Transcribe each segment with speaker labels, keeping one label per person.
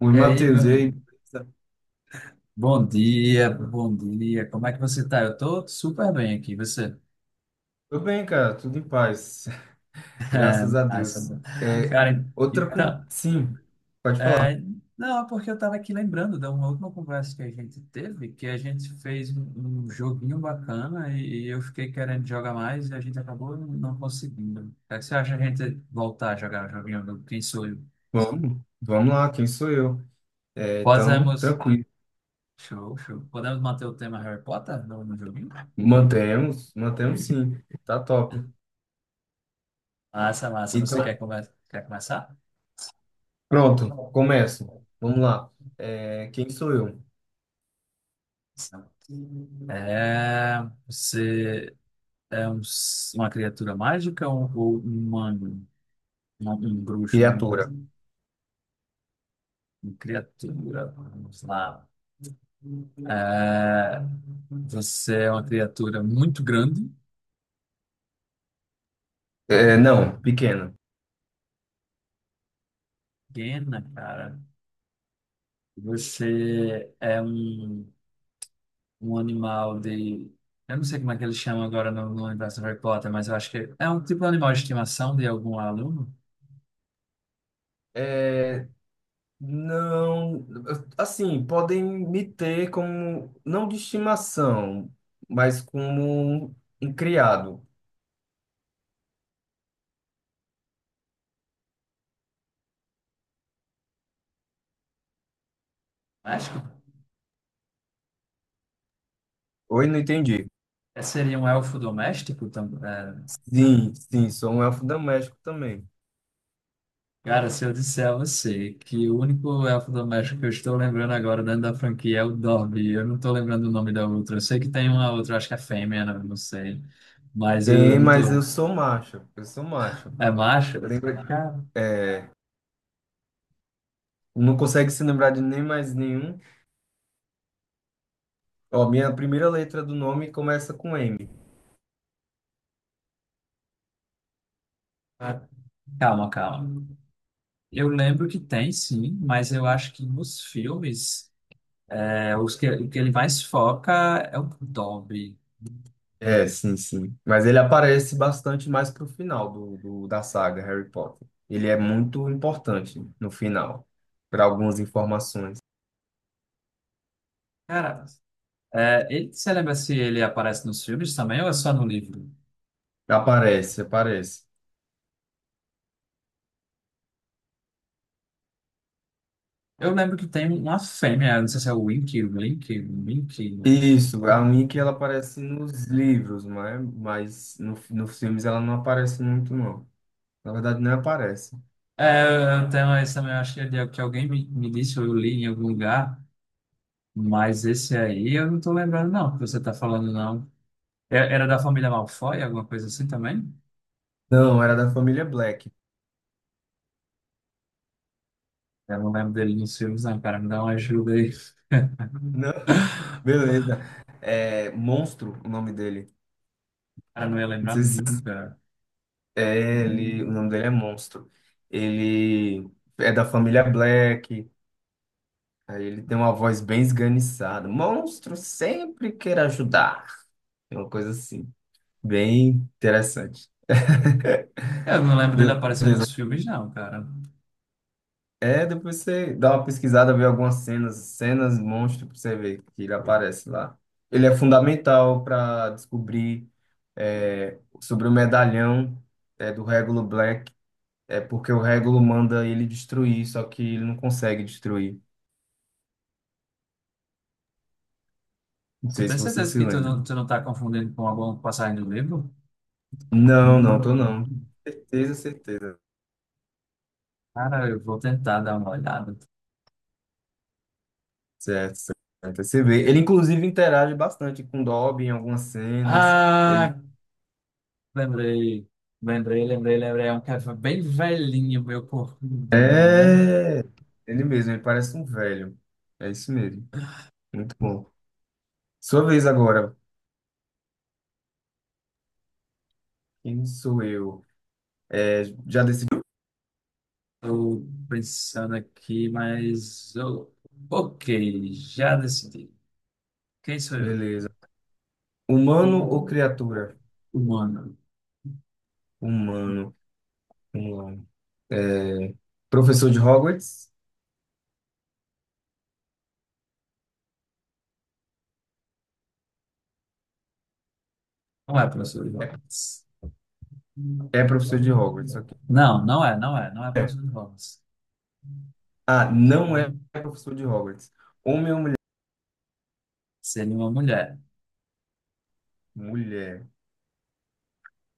Speaker 1: Oi,
Speaker 2: E aí,
Speaker 1: Matheus,
Speaker 2: meu...
Speaker 1: e aí? Beleza?
Speaker 2: Bom dia, bom dia. Como é que você tá? Eu tô super bem aqui. Você?
Speaker 1: Tô bem, cara, tudo em paz,
Speaker 2: É,
Speaker 1: graças a
Speaker 2: massa.
Speaker 1: Deus. É,
Speaker 2: Cara, então,
Speaker 1: Sim, pode falar.
Speaker 2: é, não, é porque eu tava aqui lembrando da uma última conversa que a gente teve, que a gente fez um joguinho bacana e eu fiquei querendo jogar mais e a gente acabou não conseguindo. O que você acha a gente voltar a jogar o joguinho do Quem Sou Eu?
Speaker 1: Vamos, vamos lá, quem sou eu? É, então,
Speaker 2: Podemos.
Speaker 1: tranquilo.
Speaker 2: Show, show. Podemos manter o tema Harry Potter no joguinho?
Speaker 1: Mantemos, mantemos sim, tá top.
Speaker 2: Massa, massa. Você
Speaker 1: Então,
Speaker 2: quer, quer começar?
Speaker 1: pronto, começo. Vamos lá. É, quem sou eu?
Speaker 2: É, você é uma criatura mágica ou um humano? Um bruxo, né?
Speaker 1: Criatura.
Speaker 2: Uma criatura, vamos lá. É, você é uma criatura muito grande,
Speaker 1: É, não, pequena.
Speaker 2: pequena, cara. Você é um animal de. Eu não sei como é que eles chamam agora no universo do Harry Potter, mas eu acho que é um tipo de animal de estimação de algum aluno.
Speaker 1: É, não, assim, podem me ter como, não de estimação, mas como um criado.
Speaker 2: Acho.
Speaker 1: Oi, não entendi.
Speaker 2: É, seria um elfo doméstico também? É.
Speaker 1: Sim, sim, sou um elfo doméstico também.
Speaker 2: Cara, se eu disser a você que o único elfo doméstico que eu estou lembrando agora dentro da franquia é o Dobby, eu não estou lembrando o nome da outra. Eu sei que tem uma outra, acho que é fêmea, né? Não sei. Mas eu
Speaker 1: Tem,
Speaker 2: não
Speaker 1: mas
Speaker 2: tô.
Speaker 1: eu sou macho, eu sou macho.
Speaker 2: É macho?
Speaker 1: Lembra,
Speaker 2: Cara,
Speaker 1: é, não consegue se lembrar de nem mais nenhum. Ó, minha primeira letra do nome começa com M.
Speaker 2: calma, calma. Eu lembro que tem sim, mas eu acho que nos filmes, é, o que ele mais foca é o Dobby.
Speaker 1: É, sim, sim. Mas ele aparece bastante mais pro final da saga Harry Potter. Ele é muito importante no final, para algumas informações.
Speaker 2: Cara, é, ele, você lembra se ele aparece nos filmes também ou é só no livro?
Speaker 1: Aparece, aparece.
Speaker 2: Eu lembro que tem uma fêmea, não sei se é o Wink, Link, Wink.
Speaker 1: Isso, a Mickey ela aparece nos livros, né? Mas nos filmes ela não aparece muito, não. Na verdade, não aparece.
Speaker 2: É, eu tenho esse também, eu acho que, que alguém me disse, ou eu li em algum lugar, mas esse aí eu não tô lembrando, não, que você tá falando, não. Era da família Malfoy, alguma coisa assim também?
Speaker 1: Não, era da família Black.
Speaker 2: Eu não lembro dele nos filmes, não, cara, me dá uma ajuda aí.
Speaker 1: Não, beleza. É Monstro o nome dele.
Speaker 2: Cara, não ia
Speaker 1: Não
Speaker 2: lembrar
Speaker 1: sei se
Speaker 2: nunca.
Speaker 1: É, ele, O nome dele é Monstro. Ele é da família Black. Aí ele tem uma voz bem esganiçada. Monstro sempre quer ajudar. É uma coisa assim, bem interessante.
Speaker 2: Eu não lembro dele
Speaker 1: Meu
Speaker 2: aparecer
Speaker 1: Deus.
Speaker 2: nos filmes, não, cara.
Speaker 1: É, depois você dá uma pesquisada, vê algumas cenas, cenas monstro, pra você ver que ele aparece lá. Ele é fundamental para descobrir sobre o medalhão do Regulo Black. É porque o Regulo manda ele destruir, só que ele não consegue destruir. Não
Speaker 2: Tu
Speaker 1: sei se
Speaker 2: tem
Speaker 1: você
Speaker 2: certeza
Speaker 1: se
Speaker 2: que
Speaker 1: lembra.
Speaker 2: tu não tá confundindo com alguma passagem do livro?
Speaker 1: Não, não, tô
Speaker 2: Não.
Speaker 1: não. Certeza, certeza.
Speaker 2: Cara, eu vou tentar dar uma olhada.
Speaker 1: Certo, certo. Você vê. Ele, inclusive, interage bastante com o Dobby em algumas cenas. Ele
Speaker 2: Ah, lembrei, lembrei, lembrei. É um cara bem velhinho, meu corcundinha, né?
Speaker 1: é... Ele mesmo, ele parece um velho. É isso mesmo. Muito bom. Sua vez agora. Quem sou eu? É, já decidiu?
Speaker 2: Tô pensando aqui, mas... eu- Ok, já decidi. Quem sou eu?
Speaker 1: Beleza. Humano ou criatura?
Speaker 2: Humano.
Speaker 1: Humano. Vamos lá. É, professor de Hogwarts?
Speaker 2: Não é professor de Hogwarts.
Speaker 1: É professor de Hogwarts, ok.
Speaker 2: Não é professor de Hogwarts.
Speaker 1: Ah, não é professor de Hogwarts. Homem ou mulher?
Speaker 2: Seria uma mulher.
Speaker 1: Mulher.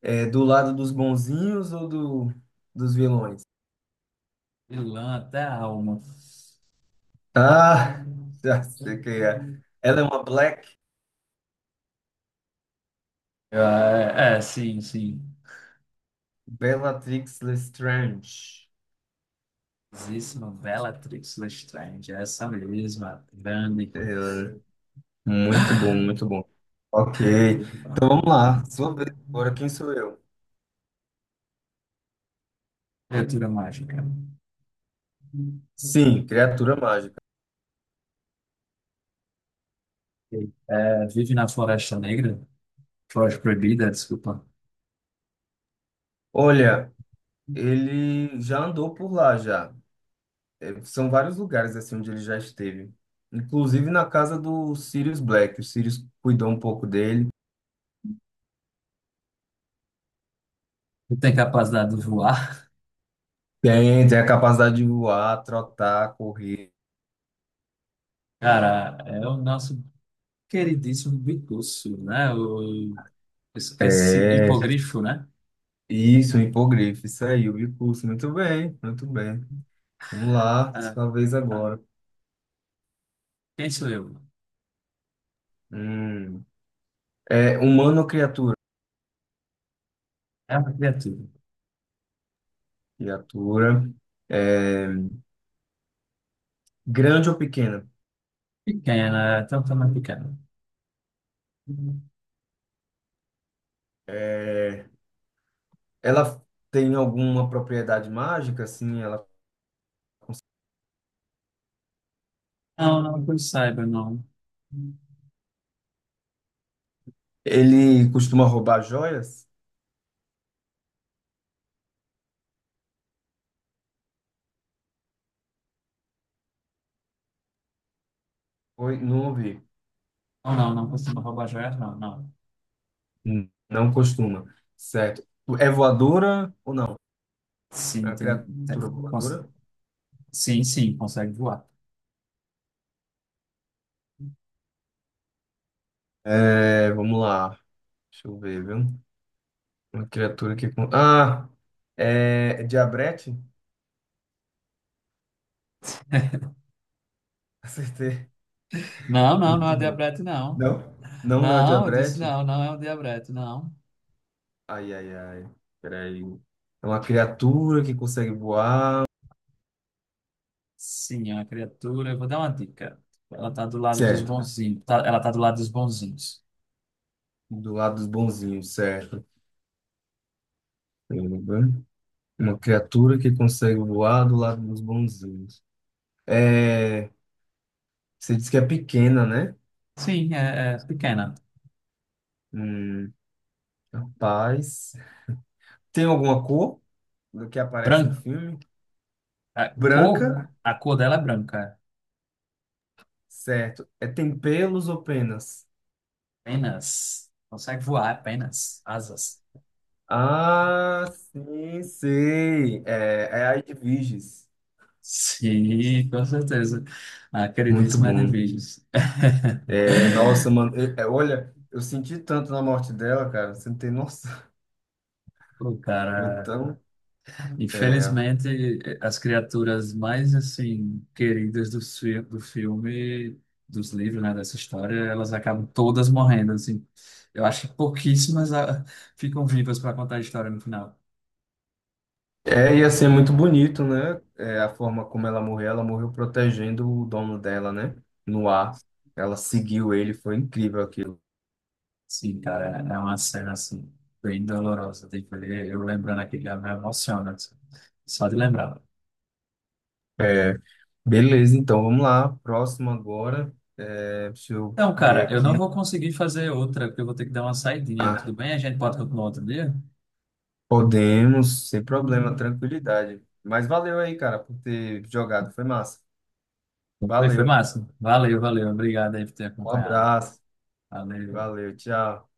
Speaker 1: É do lado dos bonzinhos ou dos vilões?
Speaker 2: Vilã até a alma.
Speaker 1: Ah, já sei quem é. Ela é uma Black.
Speaker 2: É, é, sim, sim.
Speaker 1: Bellatrix Lestrange.
Speaker 2: Exíssima Bellatrix Lestrange, é essa mesma, grande.
Speaker 1: É, muito bom, muito bom. Ok. Então vamos lá. Sua vez. Agora quem sou eu?
Speaker 2: Criatura mágica.
Speaker 1: Sim, criatura mágica.
Speaker 2: É, vive na Floresta Negra, Floresta Proibida, desculpa.
Speaker 1: Olha, ele já andou por lá já. São vários lugares assim onde ele já esteve. Inclusive na casa do Sirius Black. O Sirius cuidou um pouco dele.
Speaker 2: Não tem capacidade de voar.
Speaker 1: Tem a capacidade de voar, trotar, correr.
Speaker 2: Cara, é o nosso queridíssimo Bicurso, né?
Speaker 1: É,
Speaker 2: Hipogrifo, né?
Speaker 1: isso, um hipogrifo, isso aí, o bicurso. Muito bem, muito bem. Vamos lá,
Speaker 2: Ah,
Speaker 1: sua vez agora.
Speaker 2: quem sou eu?
Speaker 1: Hum. É humano ou criatura?
Speaker 2: É uma criatura.
Speaker 1: Criatura. É, grande ou pequena?
Speaker 2: Pequena, é, até o tamanho pequeno. Não,
Speaker 1: É, ela tem alguma propriedade mágica, assim?
Speaker 2: não que eu saiba, não.
Speaker 1: Ele costuma roubar joias? Oi, não ouvi.
Speaker 2: Não, não, não costuma roubar joias, não, não.
Speaker 1: Não costuma. Certo. É voadora ou não? É
Speaker 2: Sim,
Speaker 1: uma criatura
Speaker 2: tem- cons-
Speaker 1: voadora?
Speaker 2: sim, sim, consegue voar.
Speaker 1: É, vamos lá. Deixa eu ver, viu? Uma criatura que. Com- Ah! É diabrete? Acertei.
Speaker 2: Não, não, não
Speaker 1: Muito
Speaker 2: é
Speaker 1: bom.
Speaker 2: diabrete, não.
Speaker 1: Não? Não é o
Speaker 2: Não, eu disse
Speaker 1: diabrete?
Speaker 2: não, não é um diabrete, não.
Speaker 1: Ai, ai, ai. Peraí. É uma criatura que consegue voar.
Speaker 2: Sim, é uma criatura. Eu vou dar uma dica. Ela tá do lado dos
Speaker 1: Certo.
Speaker 2: bonzinhos. Ela tá do lado dos bonzinhos.
Speaker 1: Do lado dos bonzinhos, certo. Uma criatura que consegue voar do lado dos bonzinhos. É. Você disse que é pequena, né?
Speaker 2: Sim, é, é pequena.
Speaker 1: Hum, rapaz. Tem alguma cor do que aparece no
Speaker 2: Branca.
Speaker 1: filme?
Speaker 2: A
Speaker 1: Branca,
Speaker 2: a cor dela é branca.
Speaker 1: certo. É, tem pelos ou penas?
Speaker 2: Apenas. Consegue voar, é apenas. Asas.
Speaker 1: Ah, sim, sei. É a de Virgis.
Speaker 2: Sim, com certeza. A
Speaker 1: Muito
Speaker 2: queridíssima Ed
Speaker 1: bom.
Speaker 2: Vigils.
Speaker 1: É, nossa, mano. Olha, eu senti tanto na morte dela, cara. Você não tem noção.
Speaker 2: O
Speaker 1: Foi
Speaker 2: cara,
Speaker 1: tão. é,
Speaker 2: infelizmente, as criaturas mais assim queridas do, do filme, dos livros, né, dessa história, elas acabam todas morrendo, assim. Eu acho que pouquíssimas ficam vivas para contar a história no final.
Speaker 1: Ia ser muito bonito, né? É, a forma como ela morreu protegendo o dono dela, né? No ar. Ela seguiu ele, foi incrível aquilo.
Speaker 2: Sim, cara, é uma cena assim bem dolorosa. Tem que ver, eu lembrando aqui já me emociona, assim, só de lembrar.
Speaker 1: É, beleza, então vamos lá. Próximo agora. É, deixa eu
Speaker 2: Então,
Speaker 1: ver
Speaker 2: cara, eu
Speaker 1: aqui.
Speaker 2: não vou conseguir fazer outra, porque eu vou ter que dar uma saidinha. Tudo
Speaker 1: Ah,
Speaker 2: bem? A gente pode continuar outro dia?
Speaker 1: podemos, sem problema, tranquilidade. Mas valeu aí, cara, por ter jogado. Foi massa.
Speaker 2: Foi, foi
Speaker 1: Valeu.
Speaker 2: massa. Valeu, valeu. Obrigado aí por ter
Speaker 1: Um
Speaker 2: acompanhado.
Speaker 1: abraço.
Speaker 2: Valeu.
Speaker 1: Valeu, tchau.